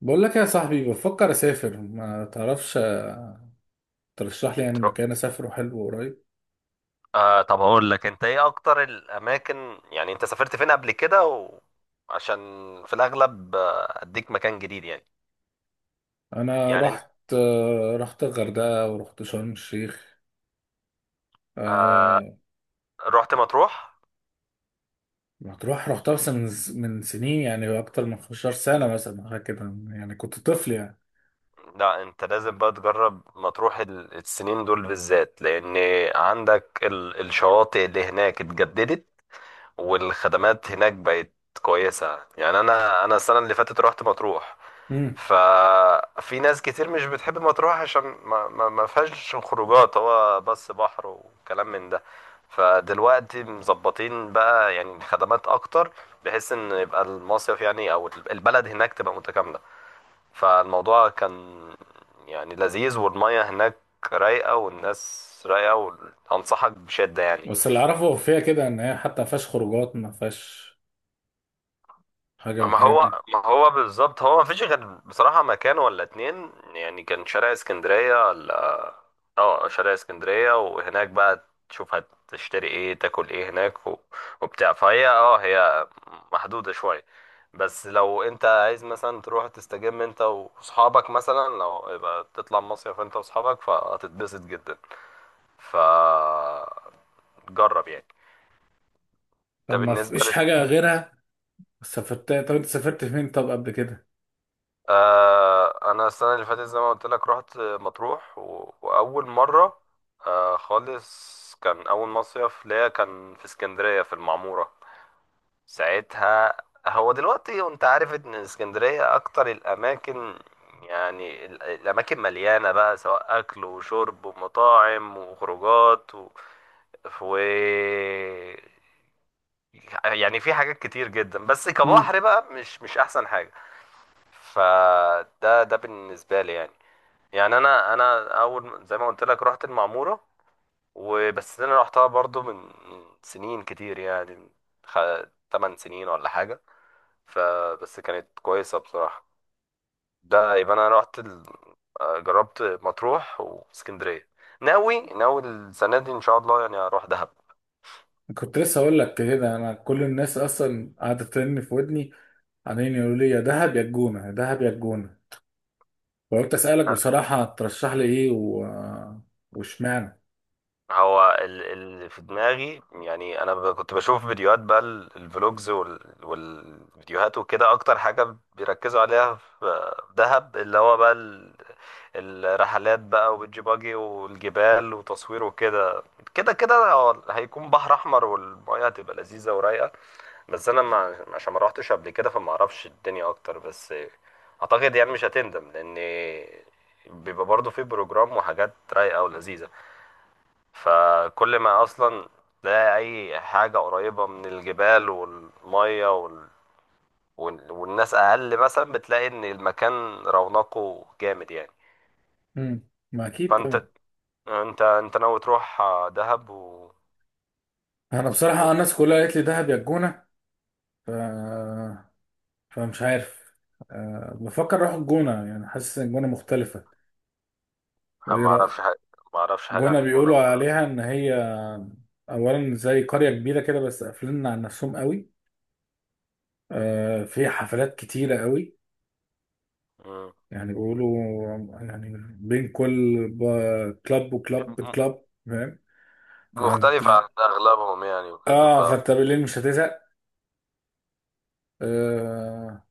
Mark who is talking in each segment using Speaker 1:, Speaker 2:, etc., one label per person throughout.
Speaker 1: بقول لك يا صاحبي، بفكر اسافر، ما تعرفش، ترشح لي يعني
Speaker 2: ترو...
Speaker 1: مكان اسافره حلو قريب.
Speaker 2: طب هقول لك انت ايه اكتر الاماكن، يعني انت سافرت فين قبل كده عشان في الاغلب، اديك مكان جديد
Speaker 1: انا
Speaker 2: يعني
Speaker 1: رحت الغردقه ورحت شرم الشيخ.
Speaker 2: آه
Speaker 1: آه،
Speaker 2: رحت مطروح.
Speaker 1: مطروح رحتها، بس من سنين، يعني اكتر من 15 سنه مثلا، حاجه كده. يعني كنت طفل يعني.
Speaker 2: لا انت لازم بقى تجرب مطروح، السنين دول بالذات، لان عندك الشواطئ اللي هناك اتجددت، والخدمات هناك بقت كويسة. يعني انا السنة اللي فاتت رحت مطروح.
Speaker 1: امم.
Speaker 2: ففي ناس كتير مش بتحب مطروح عشان ما فيهاش خروجات، هو بس بحر وكلام من ده. فدلوقتي مظبطين بقى يعني خدمات اكتر، بحيث ان يبقى المصيف يعني او البلد هناك تبقى متكاملة. فالموضوع كان يعني لذيذ، والمية هناك رايقة والناس رايقة، وانصحك بشدة يعني.
Speaker 1: بس اللي اعرفه فيها كده ان هي حتى ما فيهاش خروجات، ما فيهاش حاجه من
Speaker 2: ما
Speaker 1: الحاجات
Speaker 2: هو
Speaker 1: دي.
Speaker 2: ما هو بالظبط، هو ما فيش غير بصراحة مكان ولا اتنين، يعني كان شارع اسكندرية ولا اه شارع اسكندرية. وهناك بقى تشوف هتشتري ايه تاكل ايه هناك وبتاع. فهي اه هي محدودة شوية. بس لو انت عايز مثلا تروح تستجم انت واصحابك، مثلا لو يبقى تطلع مصيف انت واصحابك فهتتبسط جدا. فجرب يعني. ده
Speaker 1: طب ما فيش
Speaker 2: بالنسبة.
Speaker 1: حاجه غيرها؟ طب انت سافرت فين طب قبل كده؟
Speaker 2: انا السنه اللي فاتت زي ما قلت لك رحت مطروح واول مره خالص. كان اول مصيف ليا كان في اسكندريه في المعموره ساعتها. هو دلوقتي وانت عارف ان اسكندريه اكتر الاماكن، يعني الاماكن مليانه بقى سواء اكل وشرب ومطاعم وخروجات و... يعني في حاجات كتير جدا، بس كبحر بقى مش احسن حاجه. فده بالنسبه لي يعني. يعني انا اول زي ما قلت لك رحت المعموره، وبس انا رحتها برضو من سنين كتير يعني، خ... 8 سنين ولا حاجه. فبس كانت كويسه بصراحه. ده يبقى انا رحت ال... آه، جربت مطروح واسكندريه. ناوي السنه دي ان شاء الله يعني اروح دهب.
Speaker 1: كنت لسه اقول لك كده، انا كل الناس اصلا قاعده ترن في ودني، عمالين يقولوا لي يا دهب يا الجونه، يا دهب يا الجونه، وقلت اسالك بصراحه ترشح لي ايه، واشمعنى.
Speaker 2: هو اللي في دماغي، يعني انا كنت بشوف فيديوهات بقى، الفلوجز والفيديوهات وكده. اكتر حاجة بيركزوا عليها في في دهب اللي هو بقى الرحلات بقى وبيتش باجي والجبال وتصوير وكده. كده كده هو هيكون بحر احمر والمياه هتبقى لذيذة ورايقة. بس انا، ما عشان ما روحتش قبل كده فما اعرفش الدنيا اكتر، بس اعتقد يعني مش هتندم، لان بيبقى برضه في بروجرام وحاجات رايقة ولذيذة. فكل ما اصلا تلاقي اي حاجه قريبه من الجبال والميه والناس اقل، مثلا بتلاقي ان المكان رونقه جامد يعني.
Speaker 1: امم. ما اكيد
Speaker 2: فانت
Speaker 1: طبعا.
Speaker 2: انت انت ناوي تروح دهب و...
Speaker 1: انا بصراحه الناس كلها قالت لي دهب يا الجونه، ف... فمش عارف. بفكر اروح الجونه، يعني حاسس ان الجونه مختلفه.
Speaker 2: أنا
Speaker 1: وايه
Speaker 2: ما اعرفش
Speaker 1: رايك؟
Speaker 2: حاجه، ما اعرفش حاجه عن
Speaker 1: الجونه
Speaker 2: الجونه
Speaker 1: بيقولوا
Speaker 2: بصراحه.
Speaker 1: عليها ان هي اولا زي قريه كبيره كده، بس قافلين على نفسهم قوي. في حفلات كتيرة قوي.
Speaker 2: مم.
Speaker 1: يعني بيقولوا، يعني بين كل كلاب وكلاب،
Speaker 2: م-
Speaker 1: كلاب، فاهم؟
Speaker 2: مختلفه عن
Speaker 1: فانت
Speaker 2: اغلبهم يعني وكده.
Speaker 1: اه فانت بالليل مش هتزهق. آه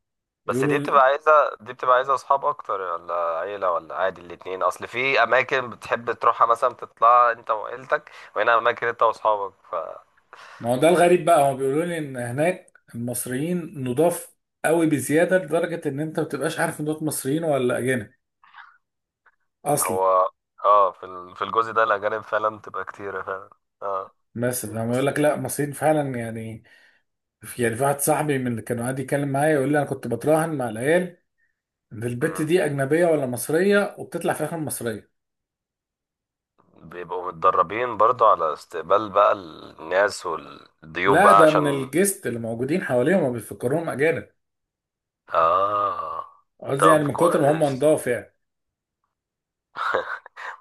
Speaker 2: بس
Speaker 1: يقولوا.
Speaker 2: دي بتبقى عايزة أصحاب أكتر ولا عيلة ولا عادي الاتنين؟ أصل في أماكن بتحب تروحها مثلا تطلع أنت وعيلتك، وهنا أماكن أنت وأصحابك.
Speaker 1: ما هو ده الغريب بقى، هم بيقولوا لي ان هناك المصريين نضاف قوي بزياده، لدرجه ان انت ما بتبقاش عارف ان دول مصريين ولا اجانب اصلي.
Speaker 2: فهو اه في في الجزء ده الأجانب فعلا بتبقى كتيرة فعلا. اه.
Speaker 1: بس لما يقول
Speaker 2: بس
Speaker 1: لك لا، مصريين فعلا يعني. في واحد صاحبي من اللي كانوا قاعد يتكلم معايا يقول لي انا كنت بتراهن مع العيال ان البت
Speaker 2: مم.
Speaker 1: دي اجنبيه ولا مصريه، وبتطلع في الاخر مصريه.
Speaker 2: بيبقوا متدربين برضو على استقبال بقى الناس والضيوف
Speaker 1: لا
Speaker 2: بقى
Speaker 1: ده من
Speaker 2: عشان...
Speaker 1: الجست اللي موجودين حواليهم ما بيفكروهم اجانب.
Speaker 2: اه
Speaker 1: قصدي يعني
Speaker 2: طب
Speaker 1: من كتر ما هم
Speaker 2: كويس.
Speaker 1: نضاف يعني.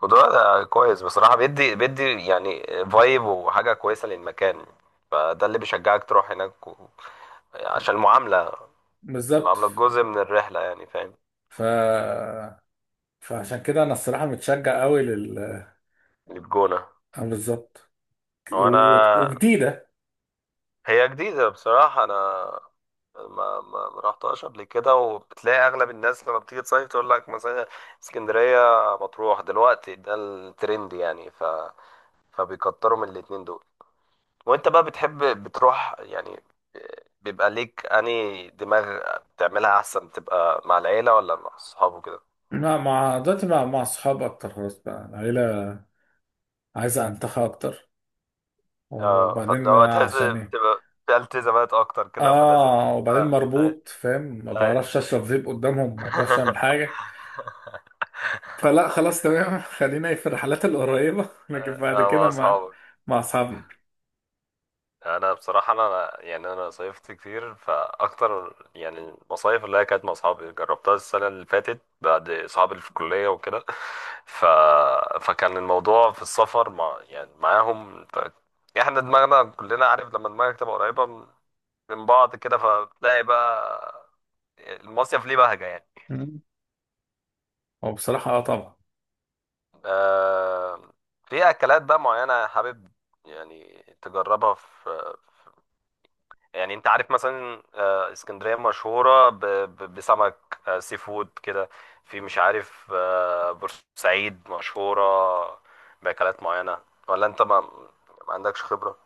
Speaker 2: خضار ده كويس بصراحة. بيدي بيدي يعني فايب وحاجة كويسة للمكان. فده اللي بيشجعك تروح هناك و... عشان المعاملة،
Speaker 1: بالظبط.
Speaker 2: معاملة جزء من الرحلة يعني، فاهم؟
Speaker 1: ف فعشان كده انا الصراحه متشجع قوي لل آه،
Speaker 2: اللي في جونة.
Speaker 1: بالظبط.
Speaker 2: وأنا،
Speaker 1: وجديده.
Speaker 2: هي جديدة بصراحة. أنا ما ما رحتهاش قبل كده، وبتلاقي أغلب الناس لما بتيجي تصيف تقول لك مثلا اسكندرية، مطروح دلوقتي ده الترند يعني. ف... فبيكتروا من الاتنين دول. وانت بقى بتحب بتروح يعني بيبقى ليك اني دماغ بتعملها، احسن تبقى مع العيله ولا مع الصحاب وكده؟
Speaker 1: مع دلوقتي مع اصحاب اكتر، خلاص بقى العيله عايزه انتخى اكتر.
Speaker 2: اه
Speaker 1: وبعدين
Speaker 2: فلو تحس
Speaker 1: عشان ايه؟
Speaker 2: بتبقى في التزامات اكتر كده فلازم
Speaker 1: اه، وبعدين
Speaker 2: اه. اه
Speaker 1: مربوط فاهم، ما
Speaker 2: اه
Speaker 1: بعرفش اشرب فيب قدامهم، ما بعرفش اعمل حاجه. فلا خلاص تمام خلينا في الرحلات القريبه، لكن بعد
Speaker 2: اه
Speaker 1: كده
Speaker 2: مع
Speaker 1: مع
Speaker 2: اصحابك.
Speaker 1: مع اصحابنا.
Speaker 2: انا بصراحه، انا يعني انا صيفت كتير، فاكتر يعني المصايف اللي هي كانت مع اصحابي جربتها السنه اللي فاتت، بعد اصحابي اللي في الكليه وكده. ف... فكان الموضوع في السفر مع يعني معاهم. ف... احنا دماغنا كلنا عارف لما دماغك تبقى قريبه من بعض كده فتلاقي بقى المصيف ليه بهجه يعني.
Speaker 1: هو بصراحة طبعا.
Speaker 2: آه... في اكلات بقى معينه حابب يعني تجربها في... يعني انت عارف مثلا اسكندرية مشهورة بسمك، سي فود كده. في مش عارف، بورسعيد مشهورة بأكلات معينة، ولا انت ما عندكش خبرة؟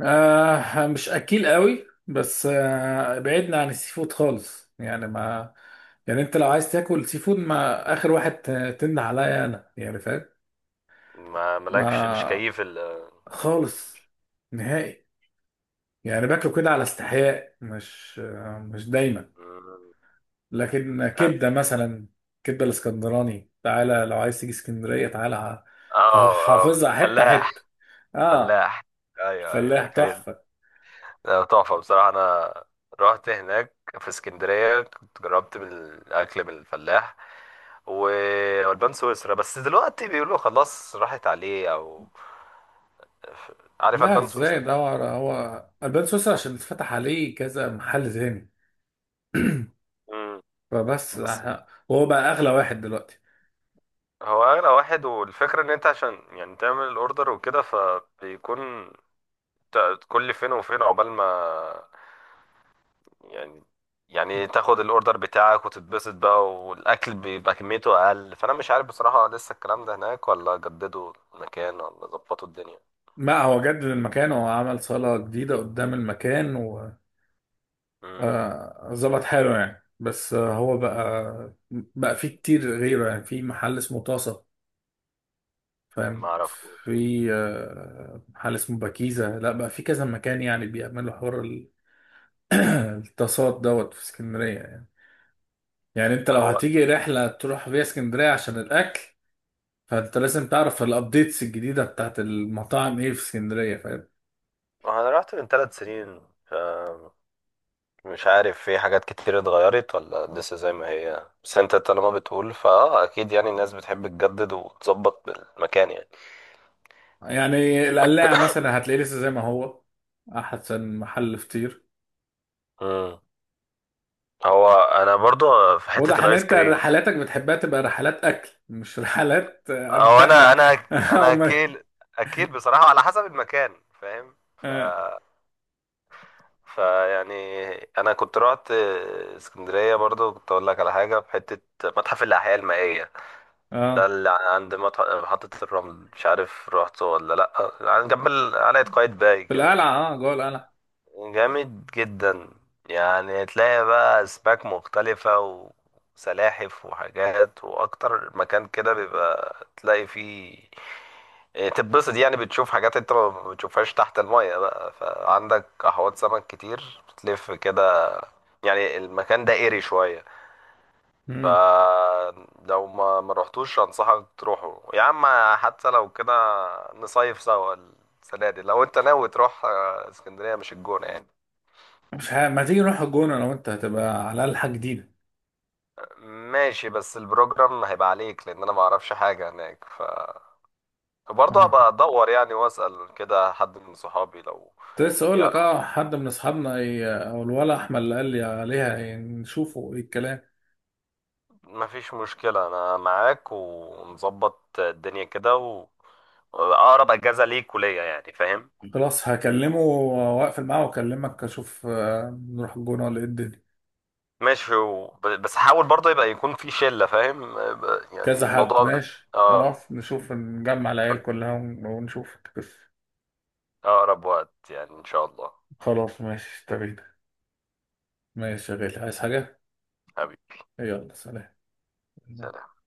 Speaker 1: مش اكيل قوي، بس بعدنا عن السي فود خالص، يعني ما، يعني انت لو عايز تاكل سي فود ما اخر واحد تنده عليا انا، يعني فاهم؟
Speaker 2: ما مالكش مش
Speaker 1: ما
Speaker 2: كيف ال...
Speaker 1: خالص، نهائي. يعني باكله كده على استحياء، مش دايما.
Speaker 2: مم.
Speaker 1: لكن كبدة مثلا، كبدة الاسكندراني تعالى، لو عايز تيجي اسكندرية تعالى
Speaker 2: اه. اه
Speaker 1: حافظها حتة
Speaker 2: فلاح.
Speaker 1: حتة. اه،
Speaker 2: فلاح، ايوه
Speaker 1: الفلاح
Speaker 2: ايوه كان.
Speaker 1: تحفة.
Speaker 2: تحفة بصراحة. انا رحت هناك في اسكندرية، كنت جربت من الأكل من الفلاح والبان سويسرا، بس دلوقتي بيقولوا خلاص راحت عليه، او عارف
Speaker 1: لا
Speaker 2: البان
Speaker 1: ازاي
Speaker 2: سويسرا.
Speaker 1: ادور، هو البان سويسرا عشان اتفتح عليه كذا محل تاني،
Speaker 2: امم.
Speaker 1: فبس
Speaker 2: بس
Speaker 1: احنا، وهو بقى اغلى واحد دلوقتي.
Speaker 2: هو اغلى واحد، والفكره ان انت عشان يعني تعمل الاوردر وكده فبيكون كل فين وفين عقبال ما يعني تاخد الاوردر بتاعك وتتبسط بقى، والاكل بيبقى كميته اقل. فانا مش عارف بصراحه لسه الكلام ده هناك ولا جددوا المكان ولا ظبطوا الدنيا.
Speaker 1: ما هو جدد المكان، هو عمل صالة جديدة قدام المكان و
Speaker 2: امم.
Speaker 1: ظبط حاله يعني، بس هو بقى فيه كتير غيره، يعني في محل اسمه طاسة، فاهم؟
Speaker 2: ما اعرفوش.
Speaker 1: في محل اسمه باكيزة، لا بقى في كذا مكان يعني بيعملوا حوار الطاسات دوت في اسكندرية يعني. يعني انت لو
Speaker 2: هو
Speaker 1: هتيجي رحلة تروح فيها اسكندرية عشان الأكل، فانت لازم تعرف الابديتس الجديده بتاعت المطاعم ايه في اسكندريه، فاهم؟
Speaker 2: انا رحت من 3 سنين، ف مش عارف في حاجات كتير اتغيرت ولا لسه زي ما هي، بس انت طالما بتقول فاه اكيد يعني الناس بتحب تجدد وتظبط بالمكان يعني.
Speaker 1: يعني القلاع مثلا هتلاقيه لسه زي ما هو، احسن محل فطير.
Speaker 2: امم. هو انا برضو في حتة
Speaker 1: واضح ان
Speaker 2: الايس
Speaker 1: انت
Speaker 2: كريم.
Speaker 1: رحلاتك بتحبها تبقى رحلات اكل مش رحلات
Speaker 2: او
Speaker 1: انتخى او
Speaker 2: انا اكيل بصراحة على حسب المكان فاهم؟ ف
Speaker 1: اه.
Speaker 2: فيعني انا كنت رحت اسكندرية برضو، كنت اقول لك على حاجة في حتة متحف الاحياء المائية. ده
Speaker 1: آه.
Speaker 2: اللي عند محطة الرمل، مش عارف رحته ولا لا، جنب قلعة قايتباي
Speaker 1: في
Speaker 2: كده.
Speaker 1: القلعه، اه، جوه القلعه.
Speaker 2: جامد جدا. يعني تلاقي بقى أسماك مختلفة وسلاحف وحاجات، وأكتر مكان كده بيبقى تلاقي فيه، إيه، تتبسط يعني. بتشوف حاجات انت ما بتشوفهاش تحت المية بقى، فعندك احواض سمك كتير بتلف كده. يعني المكان ده ايري شوية.
Speaker 1: مم.
Speaker 2: فلو ما رحتوش انصحك تروحوا يا عم. حتى لو كده نصيف سوا السنة دي، لو انت ناوي تروح اسكندرية مش الجونة يعني.
Speaker 1: مش ه... ما تيجي نروح الجونه، لو انت هتبقى على الاقل حاجه جديده.
Speaker 2: ماشي، بس البروجرام هيبقى عليك، لان انا ما اعرفش حاجه هناك، ف برضه
Speaker 1: اه،
Speaker 2: هبقى ادور يعني واسال كده حد من صحابي لو.
Speaker 1: كنت لسه اقول
Speaker 2: يعني
Speaker 1: لك حد من اصحابنا او الولا احمد اللي قال لي عليها، يعني نشوفه ايه الكلام.
Speaker 2: ما فيش مشكله، انا معاك ونظبط الدنيا كده و... اقرب اجازه ليك وليا يعني فاهم.
Speaker 1: خلاص، هكلمه واقفل معاه واكلمك، اشوف نروح الجونة ولا ايه الدنيا.
Speaker 2: ماشي و... بس حاول برضه يبقى يكون في شله، فاهم؟ يعني
Speaker 1: كذا حد
Speaker 2: الموضوع
Speaker 1: ماشي،
Speaker 2: اه.
Speaker 1: خلاص نشوف، نجمع العيال
Speaker 2: ف-
Speaker 1: كلها ونشوف القصة.
Speaker 2: اقرب وقت يعني ان شاء الله.
Speaker 1: خلاص ماشي تمام. ماشي يا غالي، عايز حاجة؟
Speaker 2: حبيبي،
Speaker 1: يلا سلام.
Speaker 2: سلام.